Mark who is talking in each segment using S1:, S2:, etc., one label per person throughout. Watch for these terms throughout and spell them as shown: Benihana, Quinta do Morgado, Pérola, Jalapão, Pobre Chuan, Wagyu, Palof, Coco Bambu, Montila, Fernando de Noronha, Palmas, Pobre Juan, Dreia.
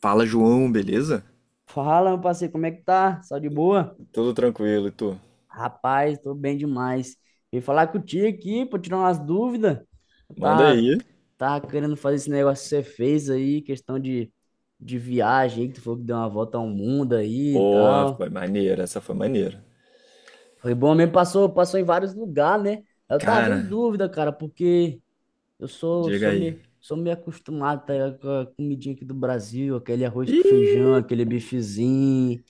S1: Fala, João, beleza?
S2: Fala, meu parceiro, como é que tá? Só de boa?
S1: Tudo tranquilo, e tu?
S2: Rapaz, tô bem demais. Vim falar contigo aqui pra tirar umas dúvidas. Eu
S1: Manda
S2: tava,
S1: aí.
S2: tava querendo fazer esse negócio que você fez aí, questão de viagem, que tu falou que deu uma volta ao mundo aí e
S1: Boa,
S2: tal.
S1: foi maneira, essa foi maneira.
S2: Foi bom mesmo, passou em vários lugares, né? Eu tava em
S1: Cara,
S2: dúvida, cara, porque eu sou,
S1: diga
S2: sou
S1: aí.
S2: meio, sou meio acostumado, tá ligado, com a comidinha aqui do Brasil, aquele arroz com
S1: Ih,
S2: feijão, aquele bifezinho.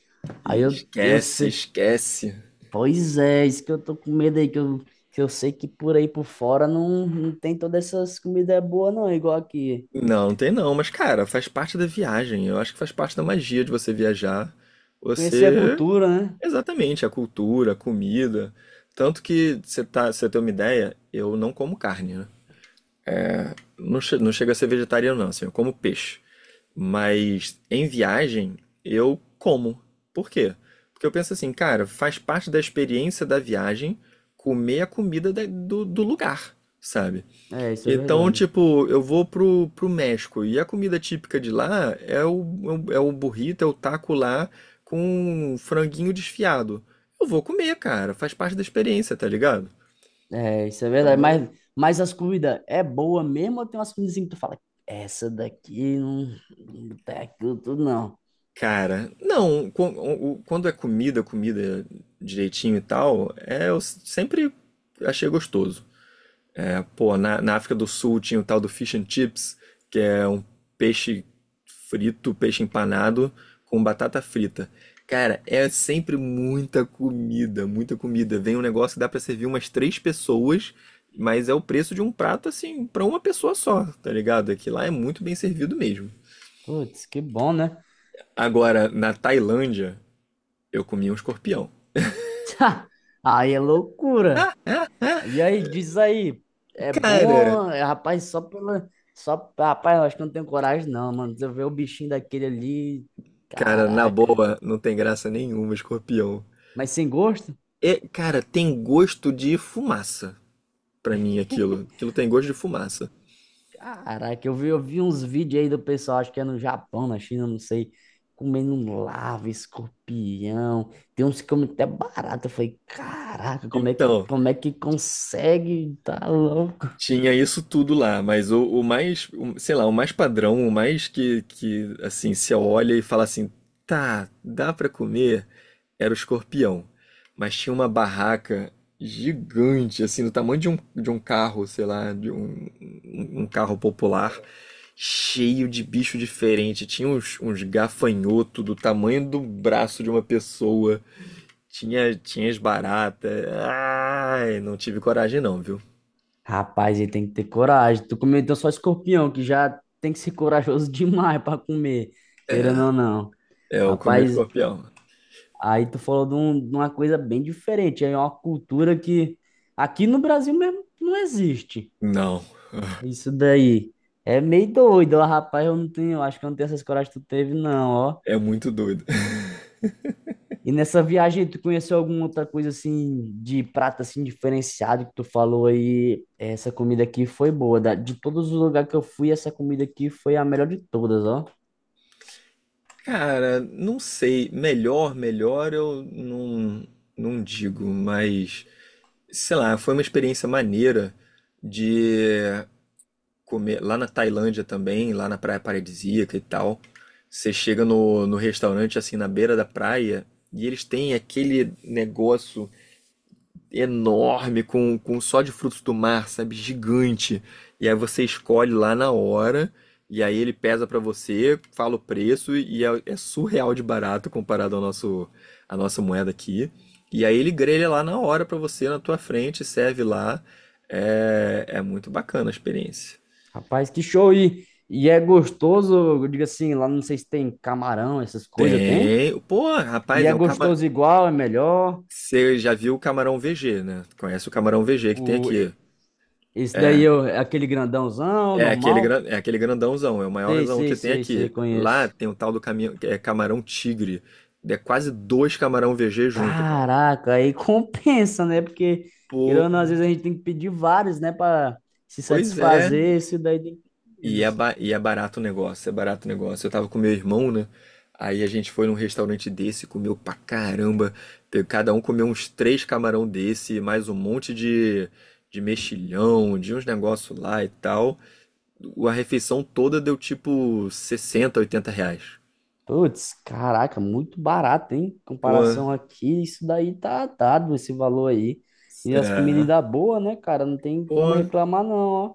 S2: Aí eu
S1: esquece,
S2: sei.
S1: esquece.
S2: Pois é, isso que eu tô com medo aí, que eu sei que por aí por fora não tem todas essas comidas boas, não, igual aqui.
S1: Não, não tem não, mas cara, faz parte da viagem. Eu acho que faz parte da magia de você viajar.
S2: Conhecer a
S1: Você,
S2: cultura, né?
S1: exatamente, a cultura, a comida. Tanto que você tem uma ideia, eu não como carne, né? Não, não chega a ser vegetariano não, assim, eu como peixe. Mas em viagem eu como. Por quê? Porque eu penso assim, cara, faz parte da experiência da viagem comer a comida do lugar, sabe?
S2: É, isso é
S1: Então,
S2: verdade.
S1: tipo, eu vou pro México e a comida típica de lá é o burrito, é o taco lá com franguinho desfiado. Eu vou comer, cara, faz parte da experiência, tá ligado?
S2: É, isso é verdade.
S1: Então,
S2: Mas as comidas é boa mesmo ou tem umas comidas assim que tu fala, essa daqui não, não tem aquilo tudo, não.
S1: cara, não, quando é comida, comida direitinho e tal, é, eu sempre achei gostoso. É, pô, na África do Sul tinha o tal do fish and chips, que é um peixe frito, peixe empanado com batata frita. Cara, é sempre muita comida, muita comida. Vem um negócio que dá pra servir umas três pessoas, mas é o preço de um prato assim pra uma pessoa só, tá ligado? É que lá é muito bem servido mesmo.
S2: Putz, que bom, né?
S1: Agora, na Tailândia, eu comi um escorpião.
S2: Aí é loucura. E aí, diz aí, é
S1: Cara,
S2: bom, é, rapaz, só pela. Só, rapaz, eu acho que eu não tenho coragem, não, mano. Se eu ver o bichinho daquele ali.
S1: cara, na
S2: Caraca.
S1: boa, não tem graça nenhuma escorpião.
S2: Mas sem gosto?
S1: É, cara, tem gosto de fumaça pra mim aquilo. Aquilo tem gosto de fumaça.
S2: Caraca, eu vi uns vídeos aí do pessoal, acho que é no Japão, na China, não sei, comendo um larva, escorpião. Tem uns que comem até barata. Eu falei, caraca, como é,
S1: Então,
S2: como é que consegue? Tá louco.
S1: tinha isso tudo lá, mas o mais, sei lá, o mais padrão, o mais que assim, se olha e fala assim, tá, dá pra comer, era o escorpião. Mas tinha uma barraca gigante, assim, do tamanho de um, carro, sei lá, de um carro popular, cheio de bicho diferente. Tinha uns gafanhoto do tamanho do braço de uma pessoa. Tinha as baratas. Ai, não tive coragem não, viu?
S2: Rapaz, ele tem que ter coragem. Tu comeu então só escorpião, que já tem que ser corajoso demais para comer, querendo ou não.
S1: É, eu comi o
S2: Rapaz,
S1: escorpião.
S2: aí tu falou de, um- de uma coisa bem diferente. É uma cultura que aqui no Brasil mesmo não existe.
S1: Não,
S2: Isso daí. É meio doido, ó, rapaz. Eu não tenho, acho que eu não tenho essas coragem que tu teve, não, ó.
S1: é muito doido.
S2: E nessa viagem, tu conheceu alguma outra coisa assim de prato assim diferenciado que tu falou aí? Essa comida aqui foi boa. Da- De todos os lugares que eu fui, essa comida aqui foi a melhor de todas, ó.
S1: Cara, não sei. Melhor, melhor eu não, não digo, mas sei lá, foi uma experiência maneira de comer lá na Tailândia também, lá na praia paradisíaca e tal. Você chega no, restaurante assim na beira da praia e eles têm aquele negócio enorme, com um só de frutos do mar, sabe? Gigante. E aí você escolhe lá na hora, e aí ele pesa pra você, fala o preço, e é, surreal de barato comparado à nossa moeda aqui. E aí ele grelha lá na hora pra você, na tua frente, serve lá. é muito bacana a experiência.
S2: Rapaz, que show! E é gostoso, eu digo assim, lá não sei se tem camarão, essas coisas, tem?
S1: Tem. Pô,
S2: E
S1: rapaz,
S2: é
S1: é um cama.
S2: gostoso igual, é melhor.
S1: Você já viu o camarão VG, né? Conhece o camarão VG que tem
S2: O,
S1: aqui.
S2: e- esse daí é o- é aquele grandãozão,
S1: É aquele,
S2: normal?
S1: gran- é aquele grandãozão, é o
S2: Sei,
S1: maiorzão
S2: sei,
S1: que tem
S2: sei, sei,
S1: aqui. Lá
S2: conheço.
S1: tem o tal do caminho, é camarão tigre. É quase dois camarão VG junto, cara.
S2: Caraca, aí compensa, né? Porque, querendo
S1: Pô,
S2: ou não, às vezes a gente tem que pedir vários, né? Pra se
S1: pois é.
S2: satisfazer, esse daí tem que pedir
S1: E é,
S2: menos.
S1: ba- e é barato o negócio, é barato o negócio. Eu tava com meu irmão, né? Aí a gente foi num restaurante desse, comeu pra caramba. Cada um comeu uns três camarão desse, mais um monte de, mexilhão, de uns negócios lá e tal. A refeição toda deu tipo 60, 80 reais.
S2: Putz, caraca, muito barato, hein? Em
S1: Pô,
S2: comparação aqui, isso daí tá dado, esse valor aí. E as comidas
S1: é.
S2: ainda boas, né, cara? Não tem como
S1: Pô,
S2: reclamar, não, ó.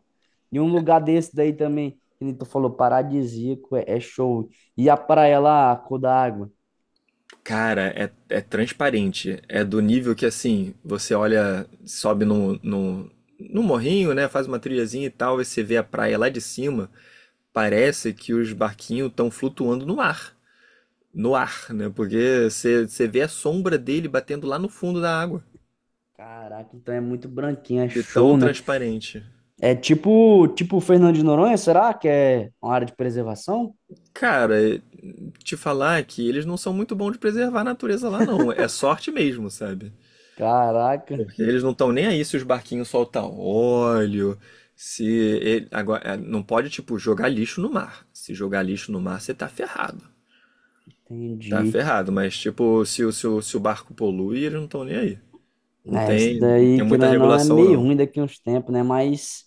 S2: E um lugar desse daí também, que nem tu falou, paradisíaco, é, é show. E a praia lá, a cor da água.
S1: cara, é, é transparente. É do nível que, assim, você olha, sobe no morrinho, né? Faz uma trilhazinha e tal, e você vê a praia lá de cima. Parece que os barquinhos estão flutuando no ar. No ar, né? Porque você vê a sombra dele batendo lá no fundo da água.
S2: Caraca, então é muito branquinho, é
S1: De tão
S2: show, né?
S1: transparente.
S2: É tipo, tipo Fernando de Noronha, será que é uma área de preservação?
S1: Cara, te falar que eles não são muito bons de preservar a natureza lá, não. É sorte mesmo, sabe?
S2: Caraca,
S1: Porque eles não estão nem aí se os barquinhos soltam óleo, se ele- agora é, não pode tipo jogar lixo no mar. Se jogar lixo no mar, você tá ferrado. Tá
S2: entendi.
S1: ferrado, mas tipo, se, o- se, o- se o barco polui, eles não estão nem aí. Não
S2: É, isso
S1: tem, não tem
S2: daí,
S1: muita
S2: querendo ou não, é
S1: regulação
S2: meio
S1: não.
S2: ruim daqui a uns tempos, né?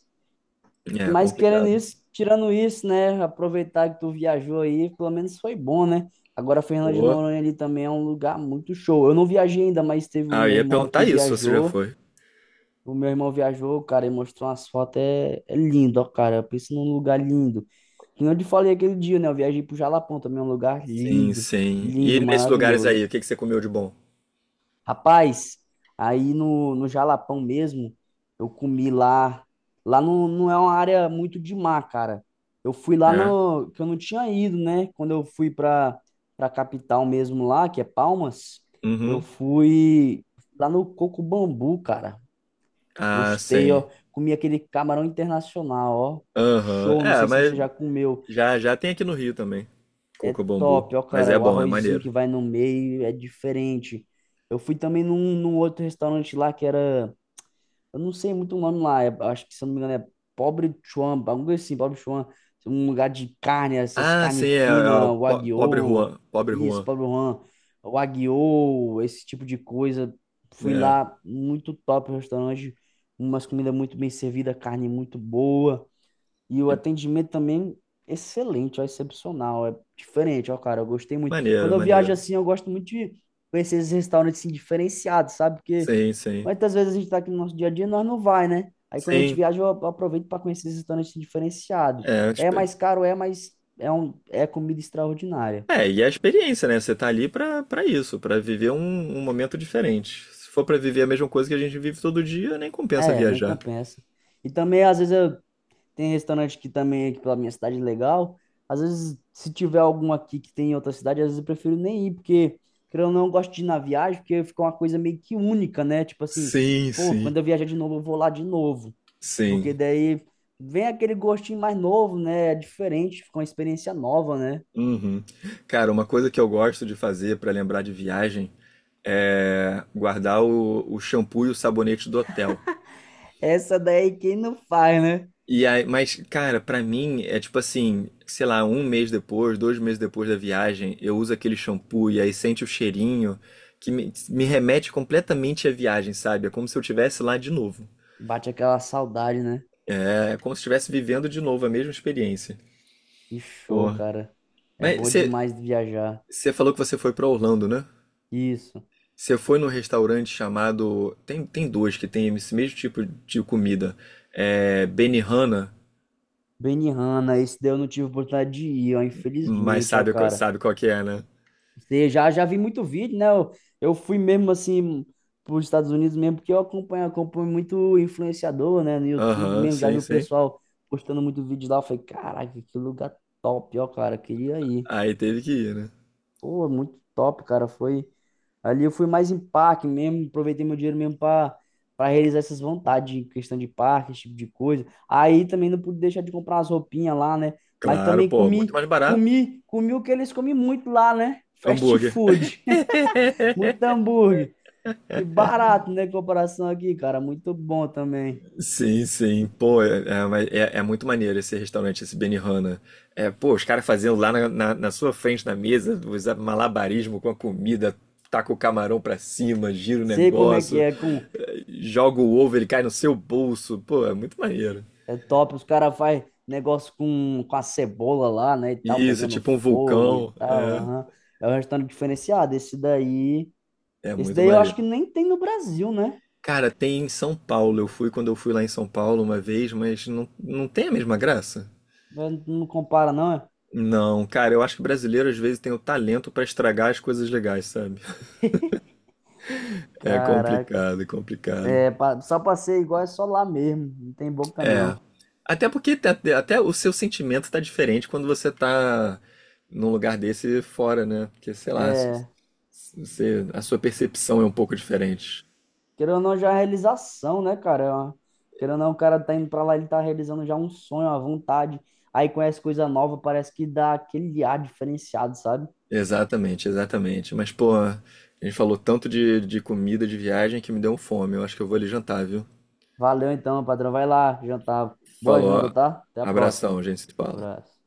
S1: É
S2: Mas querendo
S1: complicado.
S2: isso, tirando isso, né? Aproveitar que tu viajou aí, pelo menos foi bom, né? Agora, Fernando de
S1: Pô.
S2: Noronha ali também é um lugar muito show. Eu não viajei ainda, mas teve o
S1: Ah, eu
S2: meu
S1: ia
S2: irmão
S1: perguntar
S2: aqui,
S1: isso, se você já
S2: viajou.
S1: foi.
S2: O meu irmão viajou, cara, e mostrou umas fotos. É, é lindo, ó, cara. Pensa num lugar lindo. Que nem eu te falei aquele dia, né? Eu viajei pro Jalapão também, é um lugar
S1: Sim,
S2: lindo,
S1: sim. E
S2: lindo,
S1: nesses lugares
S2: maravilhoso.
S1: aí, o que que você comeu de bom?
S2: Rapaz, aí no Jalapão mesmo, eu comi lá. Lá não, não é uma área muito de mar, cara. Eu fui lá
S1: É?
S2: no, que eu não tinha ido, né? Quando eu fui pra, pra capital mesmo lá, que é Palmas, eu
S1: Uhum.
S2: fui lá no Coco Bambu, cara.
S1: Ah,
S2: Gostei,
S1: sim.
S2: ó. Comi aquele camarão internacional, ó.
S1: Aham.
S2: Show, não
S1: É,
S2: sei se você
S1: mas
S2: já comeu.
S1: Já tem aqui no Rio também.
S2: É
S1: Coco Bambu.
S2: top, ó,
S1: Mas é
S2: cara. O
S1: bom, é
S2: arrozinho
S1: maneiro.
S2: que vai no meio é diferente. Eu fui também num, num outro restaurante lá que era. Eu não sei muito o nome lá. É- acho que, se eu não me engano, é Pobre Chuan, algo assim, Pobre Chuan. Um lugar de carne, essas
S1: Ah, sim,
S2: carnes
S1: é o
S2: finas,
S1: Pobre
S2: Wagyu.
S1: Juan. Pobre
S2: Isso,
S1: Juan.
S2: Pobre Juan. Wagyu, esse tipo de coisa. Fui
S1: É.
S2: lá, muito top o restaurante. Umas comidas muito bem servidas, carne muito boa. E o
S1: E-
S2: atendimento também excelente, ó, excepcional, é diferente, ó, cara, eu gostei muito. Quando
S1: maneiro,
S2: eu viajo
S1: maneiro.
S2: assim, eu gosto muito de conhecer esses restaurantes assim, diferenciados, sabe? Porque
S1: Sim, sim.
S2: muitas vezes a gente tá aqui no nosso dia a dia e nós não vai, né? Aí quando a gente
S1: Sim.
S2: viaja, eu aproveito para conhecer esses restaurantes assim, diferenciados.
S1: É,
S2: É
S1: expe-
S2: mais caro, é, mas é um é comida extraordinária.
S1: é, é a experiência, né? Você tá ali pra, pra isso, pra viver um, um momento diferente. Se for pra viver a mesma coisa que a gente vive todo dia, nem compensa
S2: É, nem
S1: viajar.
S2: compensa. E também às vezes eu tem restaurante que também aqui pela minha cidade é legal. Às vezes, se tiver algum aqui que tem em outra cidade, às vezes eu prefiro nem ir, porque, querendo ou não, eu gosto de ir na viagem, porque fica uma coisa meio que única, né? Tipo assim,
S1: Sim,
S2: pô,
S1: sim.
S2: quando eu viajar de novo, eu vou lá de novo. Porque
S1: Sim.
S2: daí vem aquele gostinho mais novo, né? É diferente, fica uma experiência nova, né?
S1: Uhum. Cara, uma coisa que eu gosto de fazer pra lembrar de viagem é, guardar o shampoo e o sabonete do hotel.
S2: Essa daí quem não faz, né?
S1: E aí, mas, cara, pra mim é tipo assim, sei lá, um mês depois, dois meses depois da viagem, eu uso aquele shampoo e aí sente o cheirinho que me remete completamente à viagem, sabe? É como se eu estivesse lá de novo.
S2: Bate aquela saudade, né?
S1: É como se estivesse vivendo de novo a mesma experiência.
S2: E show,
S1: Porra.
S2: cara. É
S1: Mas
S2: bom
S1: você
S2: demais viajar.
S1: você falou que você foi pra Orlando, né?
S2: Isso.
S1: Você foi num restaurante chamado. Tem dois que tem esse mesmo tipo de comida. É Benihana.
S2: Benihana, esse daí eu não tive oportunidade de ir, ó,
S1: Mas
S2: infelizmente, ó, cara.
S1: sabe qual que é, né?
S2: Você já, já vi muito vídeo, né? Eu fui mesmo assim para os Estados Unidos mesmo, porque eu acompanho muito influenciador, né? No YouTube
S1: Aham,
S2: mesmo, já
S1: sim,
S2: vi o
S1: sim.
S2: pessoal postando muito vídeo lá. Eu falei, caraca, que lugar top, ó, cara, queria ir.
S1: Aí teve que ir, né?
S2: Pô, muito top, cara. Foi ali eu fui mais em parque mesmo, aproveitei meu dinheiro mesmo para realizar essas vontades em questão de parque, esse tipo de coisa. Aí também não pude deixar de comprar as roupinhas lá, né? Mas
S1: Claro,
S2: também
S1: pô, muito
S2: comi,
S1: mais barato.
S2: comi o que eles comem muito lá, né? Fast
S1: Hambúrguer.
S2: food, muito hambúrguer e barato, né? Em comparação aqui, cara, muito bom também.
S1: Sim, sim. Pô, é, é, mas é- é muito maneiro esse restaurante, esse Benihana. É, pô, os caras fazendo lá na sua frente, na mesa, os malabarismo com a comida, taca o camarão pra cima, gira o
S2: Sei como é que
S1: negócio,
S2: é com
S1: é, joga o ovo, ele cai no seu bolso. Pô, é muito maneiro.
S2: é top, os caras fazem negócio com a cebola lá, né, e tal,
S1: Isso,
S2: pegando
S1: tipo um
S2: fogo e
S1: vulcão.
S2: tal, aham. É um restaurante diferenciado, esse daí...
S1: É, é
S2: Esse
S1: muito
S2: daí eu acho
S1: maneiro.
S2: que nem tem no Brasil, né?
S1: Cara, tem em São Paulo. Eu fui quando eu fui lá em São Paulo uma vez, mas não, não tem a mesma graça.
S2: É, não compara, não, é?
S1: Não, cara, eu acho que brasileiro às vezes tem o talento pra estragar as coisas legais, sabe? É
S2: Caraca.
S1: complicado, é complicado.
S2: É, pa- só pra ser igual é só lá mesmo, não tem boca, não.
S1: Até porque até, o seu sentimento tá diferente quando você tá num lugar desse fora, né? Porque, sei lá,
S2: É,
S1: você, a sua percepção é um pouco diferente.
S2: querendo ou não, já é realização, né, cara? É uma- querendo ou não, o cara tá indo pra lá, ele tá realizando já um sonho, uma vontade. Aí conhece coisa nova, parece que dá aquele ar diferenciado, sabe?
S1: Exatamente, exatamente. Mas, pô, a gente falou tanto de comida, de viagem, que me deu um fome. Eu acho que eu vou ali jantar, viu?
S2: Valeu então, patrão. Vai lá jantar. Boa janta,
S1: Falou.
S2: tá? Até a próxima.
S1: Abração, gente se fala.
S2: Abraço.